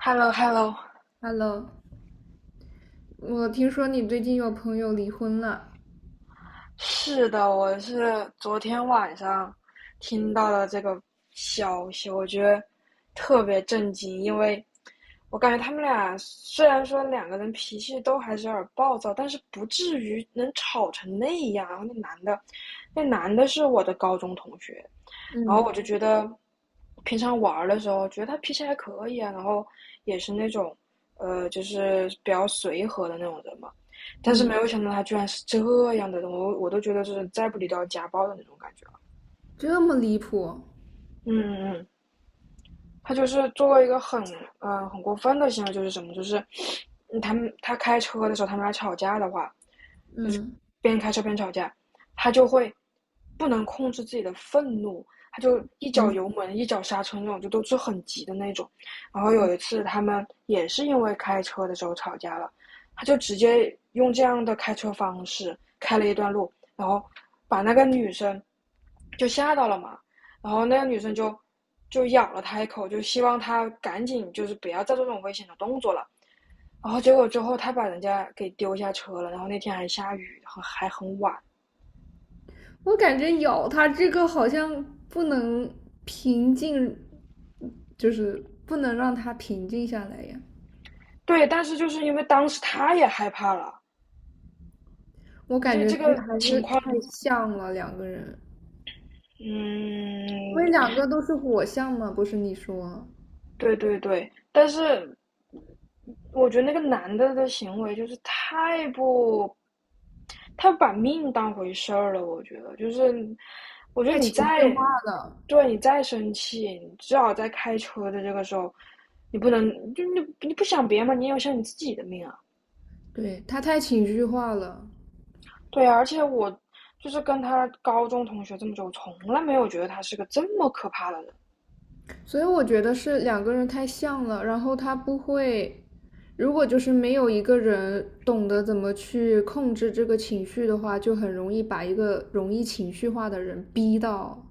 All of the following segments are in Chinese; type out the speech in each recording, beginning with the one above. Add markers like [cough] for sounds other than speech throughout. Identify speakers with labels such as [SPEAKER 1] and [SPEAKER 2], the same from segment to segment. [SPEAKER 1] Hello Hello，
[SPEAKER 2] Hello，我听说你最近有朋友离婚了。
[SPEAKER 1] 是的，我是昨天晚上听到了这个消息，我觉得特别震惊，因为我感觉他们俩虽然说两个人脾气都还是有点暴躁，但是不至于能吵成那样。然后那男的，那男的是我的高中同学，然后
[SPEAKER 2] 嗯
[SPEAKER 1] 我就觉得，平常玩儿的时候觉得他脾气还可以啊，然后也是那种，就是比较随和的那种人嘛。但是没
[SPEAKER 2] 嗯，
[SPEAKER 1] 有想到他居然是这样的人，我都觉得就是再不理都要家暴的那种感觉了。
[SPEAKER 2] 这么离谱？
[SPEAKER 1] 嗯嗯嗯，他就是做了一个很很过分的行为，就是什么，就是 [sniffs] 他开车的时候他们俩吵架的话，就是
[SPEAKER 2] 嗯，
[SPEAKER 1] 边开车边吵架，他就会不能控制自己的愤怒，他就一脚油
[SPEAKER 2] 挺。
[SPEAKER 1] 门一脚刹车那种，就都是很急的那种。然后有一
[SPEAKER 2] 嗯
[SPEAKER 1] 次他们也是因为开车的时候吵架了，他就直接用这样的开车方式开了一段路，然后把那个女生就吓到了嘛，然后那个女生就咬了他一口，就希望他赶紧就是不要再做这种危险的动作了。然后结果之后他把人家给丢下车了，然后那天还下雨，很还很晚。
[SPEAKER 2] 我感觉咬他这个好像不能平静，就是不能让他平静下来呀。
[SPEAKER 1] 对，但是就是因为当时他也害怕了，
[SPEAKER 2] 我感
[SPEAKER 1] 就
[SPEAKER 2] 觉
[SPEAKER 1] 这
[SPEAKER 2] 是
[SPEAKER 1] 个
[SPEAKER 2] 还
[SPEAKER 1] 情
[SPEAKER 2] 是
[SPEAKER 1] 况，
[SPEAKER 2] 太像了两个人，因为
[SPEAKER 1] 嗯，
[SPEAKER 2] 两个都是火象嘛，不是你说
[SPEAKER 1] 对对对。但是我觉得那个男的的行为就是太不，他把命当回事儿了。我觉得就是，我觉得
[SPEAKER 2] 太
[SPEAKER 1] 你
[SPEAKER 2] 情绪
[SPEAKER 1] 再，
[SPEAKER 2] 化了。
[SPEAKER 1] 对你再生气，你至少在开车的这个时候，你不能就你不想别人嘛，你也要想你自己的命啊。
[SPEAKER 2] 对，他太情绪化了。
[SPEAKER 1] 对啊，而且我就是跟他高中同学这么久，我从来没有觉得他是个这么可怕的人。
[SPEAKER 2] 所以我觉得是两个人太像了，然后他不会，如果就是没有一个人懂得怎么去控制这个情绪的话，就很容易把一个容易情绪化的人逼到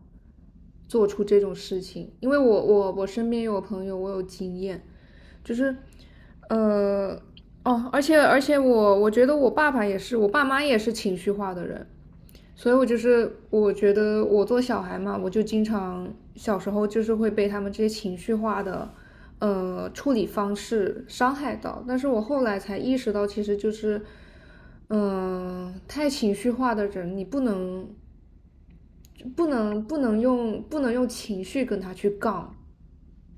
[SPEAKER 2] 做出这种事情。因为我身边有朋友，我有经验，就是，呃，哦，而且我觉得我爸爸也是，我爸妈也是情绪化的人，所以我就是我觉得我做小孩嘛，我就经常小时候就是会被他们这些情绪化的处理方式伤害到。但是我后来才意识到，其实就是太情绪化的人，你不能用情绪跟他去杠。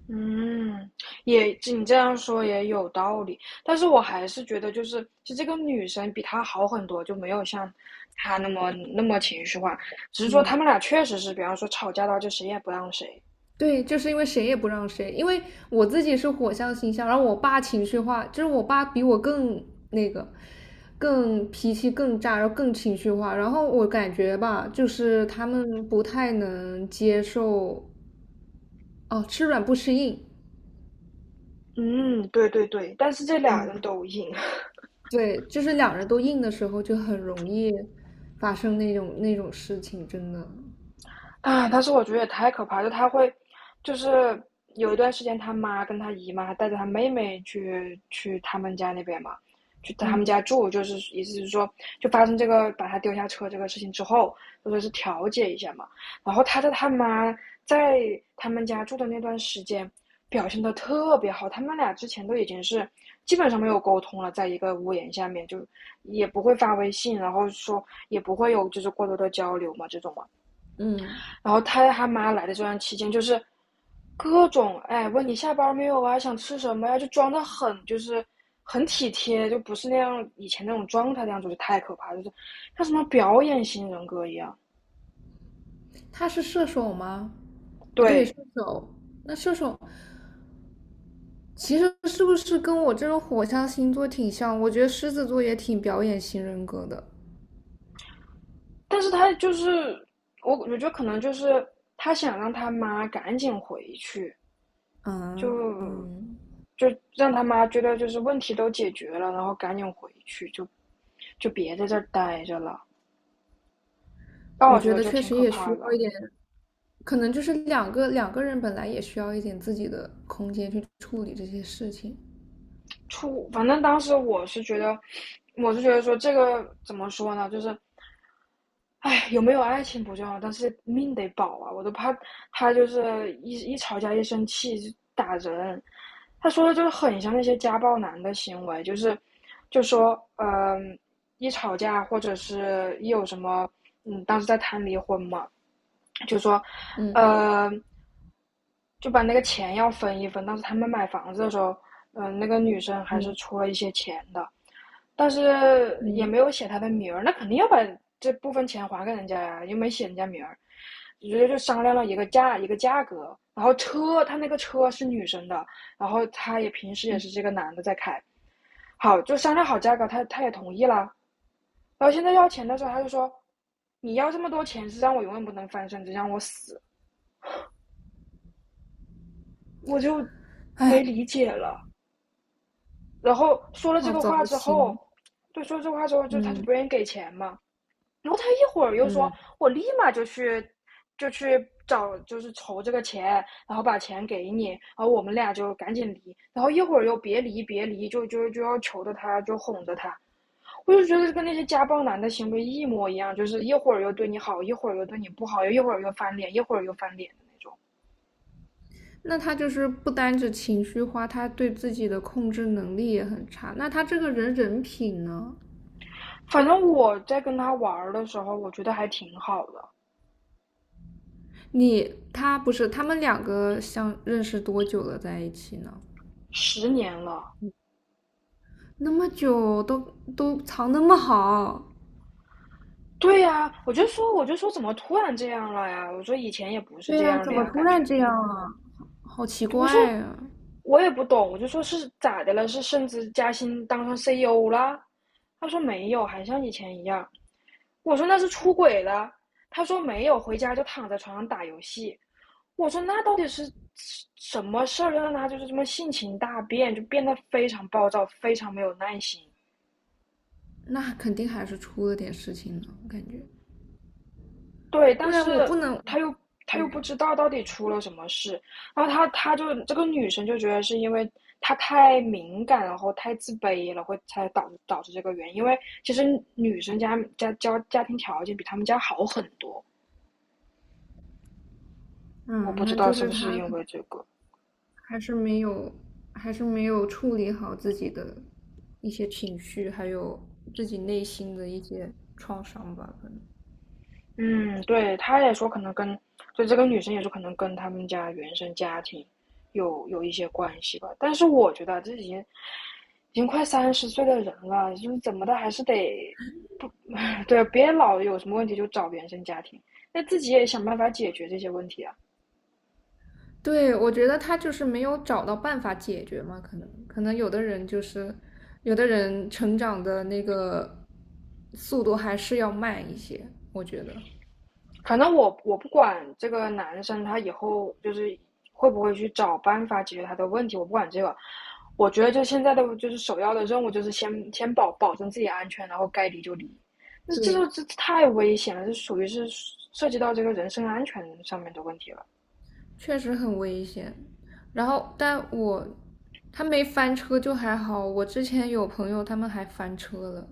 [SPEAKER 1] 嗯，也你这样说也有道理，但是我还是觉得，就是其实这个女生比他好很多，就没有像他那么情绪化。只是说
[SPEAKER 2] 嗯，
[SPEAKER 1] 他们俩确实是，比方说吵架到就谁也不让谁。
[SPEAKER 2] 对，就是因为谁也不让谁。因为我自己是火象星象，然后我爸情绪化，就是我爸比我更那个，更脾气更炸，然后更情绪化。然后我感觉吧，就是他们不太能接受，哦，吃软不吃硬。
[SPEAKER 1] 嗯，对对对，但是这俩人
[SPEAKER 2] 嗯，
[SPEAKER 1] 都赢。
[SPEAKER 2] 对，就是两人都硬的时候就很容易发生那种事情，真的。
[SPEAKER 1] 啊，但是我觉得也太可怕，了，就他会，就是有一段时间，他妈跟他姨妈带着他妹妹去他们家那边嘛，去他们
[SPEAKER 2] 嗯。
[SPEAKER 1] 家住，就是意思是说，就发生这个把他丢下车这个事情之后，就说是调解一下嘛。然后他在他妈在他们家住的那段时间，表现的特别好，他们俩之前都已经是基本上没有沟通了，在一个屋檐下面就也不会发微信，然后说也不会有就是过多的交流嘛，这种嘛。
[SPEAKER 2] 嗯，
[SPEAKER 1] 然后他妈来的这段期间，就是各种哎问你下班没有啊，想吃什么呀、啊就装的很就是很体贴，就不是那样以前那种状态那样，子，就是太可怕就是像什么表演型人格一样。
[SPEAKER 2] 他是射手吗？啊，对，射
[SPEAKER 1] 对，
[SPEAKER 2] 手，那射手。其实是不是跟我这种火象星座挺像？我觉得狮子座也挺表演型人格的。
[SPEAKER 1] 但是他就是我，我觉得可能就是他想让他妈赶紧回去，
[SPEAKER 2] 嗯
[SPEAKER 1] 就
[SPEAKER 2] 嗯，
[SPEAKER 1] 就让他妈觉得就是问题都解决了，然后赶紧回去，就别在这儿待着了。但
[SPEAKER 2] 我
[SPEAKER 1] 我觉
[SPEAKER 2] 觉
[SPEAKER 1] 得
[SPEAKER 2] 得
[SPEAKER 1] 就
[SPEAKER 2] 确
[SPEAKER 1] 挺
[SPEAKER 2] 实
[SPEAKER 1] 可
[SPEAKER 2] 也需
[SPEAKER 1] 怕
[SPEAKER 2] 要一
[SPEAKER 1] 的。
[SPEAKER 2] 点，可能就是两个人本来也需要一点自己的空间去处理这些事情。
[SPEAKER 1] 出，反正当时我是觉得，我是觉得说这个怎么说呢，就是，哎，有没有爱情不重要，但是命得保啊！我都怕他就是一吵架一生气就打人。他说的就是很像那些家暴男的行为，就是就说，嗯、呃一吵架或者是一有什么，嗯，当时在谈离婚嘛，就说，
[SPEAKER 2] 嗯
[SPEAKER 1] 呃，就把那个钱要分一分。当时他们买房子的时候，那个女生还是
[SPEAKER 2] 嗯
[SPEAKER 1] 出了一些钱的，但是也
[SPEAKER 2] 嗯。
[SPEAKER 1] 没有写她的名儿，那肯定要把这部分钱还给人家呀，又没写人家名儿。直接就商量了一个价格，然后车他那个车是女生的，然后他也平时也是这个男的在开，好就商量好价格，他也同意了，然后现在要钱的时候他就说，你要这么多钱是让我永远不能翻身，只让我死，我就没
[SPEAKER 2] 哎，
[SPEAKER 1] 理解了。然后说了这
[SPEAKER 2] 好
[SPEAKER 1] 个
[SPEAKER 2] 糟
[SPEAKER 1] 话之后，
[SPEAKER 2] 心。
[SPEAKER 1] 对，说了这个话之后，就他就
[SPEAKER 2] 嗯
[SPEAKER 1] 不愿意给钱嘛。然后他一会儿又说，
[SPEAKER 2] 嗯，
[SPEAKER 1] 我立马就去，就去找，就是筹这个钱，然后把钱给你，然后我们俩就赶紧离。然后一会儿又别离，别离，就要求着他，就哄着他。我就觉得跟那些家暴男的行为一模一样，就是一会儿又对你好，一会儿又对你不好，又一会儿又翻脸，一会儿又翻脸的那种。
[SPEAKER 2] 那他就是不单指情绪化，他对自己的控制能力也很差。那他这个人人品呢？
[SPEAKER 1] 反正我在跟他玩的时候，我觉得还挺好的，
[SPEAKER 2] 你他不是他们两个相认识多久了在一起呢？
[SPEAKER 1] 十年了。
[SPEAKER 2] 那么久都都藏那么好。
[SPEAKER 1] 对呀，我就说，我就说，怎么突然这样了呀？我说以前也不是
[SPEAKER 2] 对
[SPEAKER 1] 这
[SPEAKER 2] 呀，
[SPEAKER 1] 样
[SPEAKER 2] 怎
[SPEAKER 1] 的
[SPEAKER 2] 么
[SPEAKER 1] 呀，
[SPEAKER 2] 突
[SPEAKER 1] 感
[SPEAKER 2] 然
[SPEAKER 1] 觉。
[SPEAKER 2] 这样啊？好奇
[SPEAKER 1] 我说
[SPEAKER 2] 怪啊！
[SPEAKER 1] 我也不懂，我就说是咋的了？是升职加薪当上 CEO 啦？他说没有，还像以前一样。我说那是出轨了。他说没有，回家就躺在床上打游戏。我说那到底是什么事儿让他就是这么性情大变，就变得非常暴躁，非常没有耐心。
[SPEAKER 2] 那肯定还是出了点事情呢，我感觉，
[SPEAKER 1] 对，
[SPEAKER 2] 不
[SPEAKER 1] 但是
[SPEAKER 2] 然我不能。
[SPEAKER 1] 他又他又不
[SPEAKER 2] 对。
[SPEAKER 1] 知道到底出了什么事，然后他就这个女生就觉得是因为她太敏感，然后太自卑了，会才导致这个原因。因为其实女生家庭条件比他们家好很多，我不
[SPEAKER 2] 嗯，
[SPEAKER 1] 知
[SPEAKER 2] 那
[SPEAKER 1] 道
[SPEAKER 2] 就
[SPEAKER 1] 是
[SPEAKER 2] 是
[SPEAKER 1] 不是
[SPEAKER 2] 他
[SPEAKER 1] 因
[SPEAKER 2] 可能
[SPEAKER 1] 为这个。
[SPEAKER 2] 还是没有，还是没有处理好自己的一些情绪，还有自己内心的一些创伤吧，可能。
[SPEAKER 1] 嗯，对，他也说可能跟，就这个女生也说可能跟他们家原生家庭有一些关系吧。但是我觉得这已经快三十岁的人了，就是怎么的还是得不 [laughs] 对，别老有什么问题就找原生家庭，那自己也想办法解决这些问题啊。
[SPEAKER 2] 对，我觉得他就是没有找到办法解决嘛。可能有的人就是，有的人成长的那个速度还是要慢一些，我觉得。
[SPEAKER 1] 反正我不管这个男生他以后就是会不会去找办法解决他的问题，我不管这个。我觉得就现在的就是首要的任务就是先保证自己安全，然后该离就离。那这就
[SPEAKER 2] 对，
[SPEAKER 1] 这太危险了，这属于是涉及到这个人身安全上面的问题了。
[SPEAKER 2] 确实很危险。然后，但我他没翻车就还好，我之前有朋友他们还翻车了。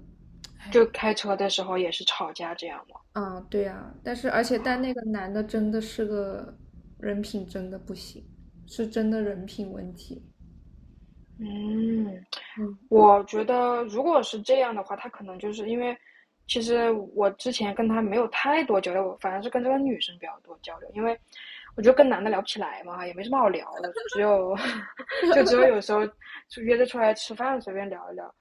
[SPEAKER 1] 就
[SPEAKER 2] 哎。
[SPEAKER 1] 开车的时候也是吵架这样嘛。
[SPEAKER 2] 啊，对呀，但是而且但那个男的真的是个人品真的不行，是真的人品问题。
[SPEAKER 1] 嗯，
[SPEAKER 2] 嗯。
[SPEAKER 1] 我觉得如果是这样的话，他可能就是因为，其实我之前跟他没有太多交流，我反而是跟这个女生比较多交流，因为我觉得跟男的聊不起来嘛，也没什么好聊的，只有 [laughs] 就只有有时候就约着出来吃饭随便聊一聊。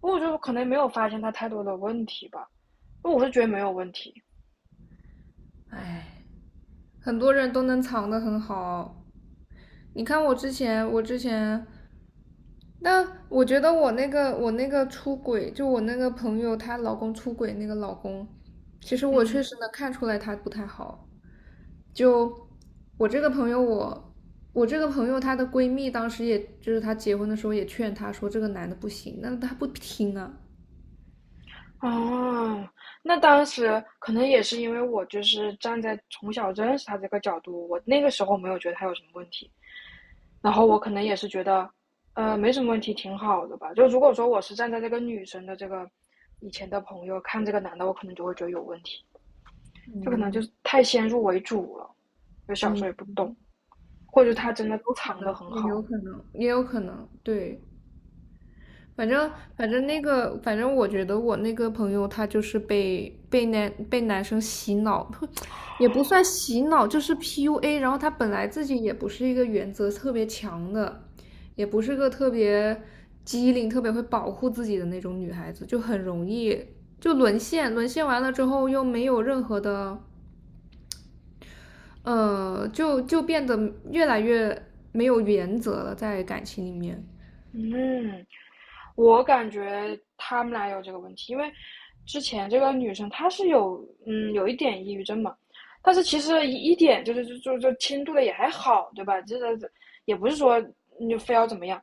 [SPEAKER 1] 我就可能没有发现他太多的问题吧，我是觉得没有问题，
[SPEAKER 2] 哎。很多人都能藏得很好。你看我之前，我之前，但我觉得我那个出轨，就我那个朋友她老公出轨那个老公，其实我确
[SPEAKER 1] 嗯。
[SPEAKER 2] 实能看出来他不太好。就我这个朋友我。我这个朋友，她的闺蜜当时也就是她结婚的时候也劝她说这个男的不行，但是她不听啊。
[SPEAKER 1] 哦，那当时可能也是因为我就是站在从小认识他这个角度，我那个时候没有觉得他有什么问题，然后我可能也是觉得，没什么问题，挺好的吧。就如果说我是站在这个女生的这个以前的朋友看这个男的，我可能就会觉得有问题，就可能就
[SPEAKER 2] 嗯
[SPEAKER 1] 是太先入为主了，就小时
[SPEAKER 2] 嗯，
[SPEAKER 1] 候也不懂，或者他真的
[SPEAKER 2] 有可
[SPEAKER 1] 藏得
[SPEAKER 2] 能，
[SPEAKER 1] 很
[SPEAKER 2] 也有
[SPEAKER 1] 好，
[SPEAKER 2] 可能，也有可能，对。反正我觉得我那个朋友他就是被男生洗脑，[sniffs] [tsk] 也不算洗脑，就是 PUA。然后他本来自己也不是一个原则特别强的，也不是个特别机灵、特别会保护自己的那种女孩子，就很容易就沦陷。沦陷完了之后又没有任何的，就变得越来越没有原则了，在感情里面。
[SPEAKER 1] 嗯。我感觉他们俩有这个问题，因为之前这个女生她是有一点抑郁症嘛，但是其实一点就是就轻度的也还好，对吧？这个也不是说你非要怎么样。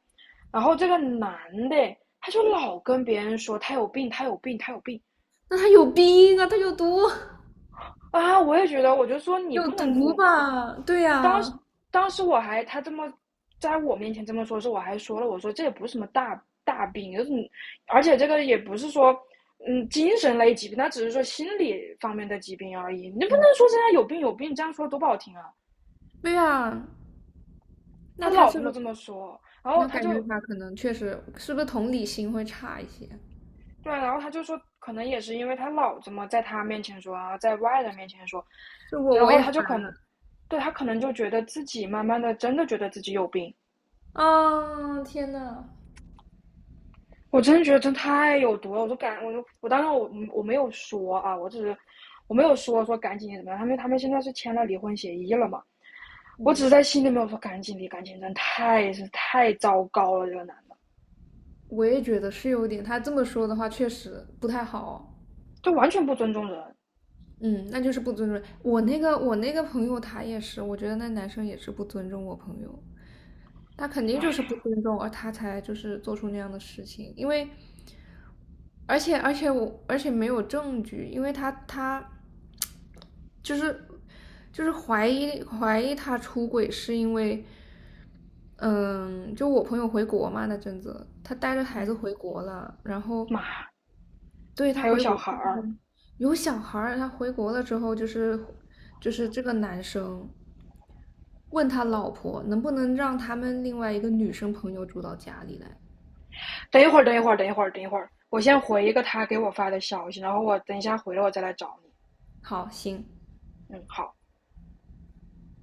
[SPEAKER 1] 然后这个男的他就老跟别人说他有病，他有病，他有病，
[SPEAKER 2] 那他有病啊，他有毒！[laughs]
[SPEAKER 1] 啊，我也觉得，我就说你
[SPEAKER 2] 有
[SPEAKER 1] 不能，
[SPEAKER 2] 毒
[SPEAKER 1] 我
[SPEAKER 2] 吧？对
[SPEAKER 1] 当时
[SPEAKER 2] 呀，
[SPEAKER 1] 当时他这么在我面前这么说时，我还说了，我说这也不是什么大病，就是你而且这个也不是说嗯精神类疾病，他只是说心理方面的疾病而已，你不能说现在有病有病，这样说多不好听啊！
[SPEAKER 2] 对呀，
[SPEAKER 1] 他
[SPEAKER 2] 那他
[SPEAKER 1] 老这
[SPEAKER 2] 这
[SPEAKER 1] 么
[SPEAKER 2] 个，
[SPEAKER 1] 这么说，然后
[SPEAKER 2] 那
[SPEAKER 1] 他
[SPEAKER 2] 感觉
[SPEAKER 1] 就
[SPEAKER 2] 他可能确实是不是同理心会差一些？
[SPEAKER 1] 对啊，然后他就说，可能也是因为他老这么在他面前说啊，然后在外人面前说，
[SPEAKER 2] 是我
[SPEAKER 1] 然
[SPEAKER 2] 我
[SPEAKER 1] 后
[SPEAKER 2] 也
[SPEAKER 1] 他就可能对他可能就觉得自己慢慢的真的觉得自己有病。
[SPEAKER 2] 啊，天呐。
[SPEAKER 1] 我真的觉得真太有毒了，我就感，我就我当时没有说啊，我只是我没有说说赶紧怎么样，他们现在是签了离婚协议了嘛，我只是
[SPEAKER 2] 嗯，
[SPEAKER 1] 在心里面我说赶紧离，赶紧真太是太糟糕了，这个男的
[SPEAKER 2] 我也觉得是有点，他这么说的话确实不太好。
[SPEAKER 1] 就完全不尊重人，
[SPEAKER 2] 嗯，那就是不尊重。我那个朋友他也是，我觉得那男生也是不尊重我朋友。他肯定
[SPEAKER 1] 哎，
[SPEAKER 2] 就是不尊重，而他才就是做出那样的事情，因为，而且没有证据，因为他就是怀疑他出轨是因为，嗯，就我朋友回国嘛那阵子，他带着孩子
[SPEAKER 1] 嗯，
[SPEAKER 2] 回国了，然后
[SPEAKER 1] 妈，
[SPEAKER 2] 对他
[SPEAKER 1] 还有
[SPEAKER 2] 回
[SPEAKER 1] 小
[SPEAKER 2] 国
[SPEAKER 1] 孩
[SPEAKER 2] 的时候
[SPEAKER 1] 儿，
[SPEAKER 2] 有小孩儿，他回国了之后就是这个男生。问他老婆能不能让他们另外一个女生朋友住到家里来。
[SPEAKER 1] 等一会儿，我先回一个他给我发的消息，然后我等一下回来我再来找你，
[SPEAKER 2] 好，行，
[SPEAKER 1] 嗯，好。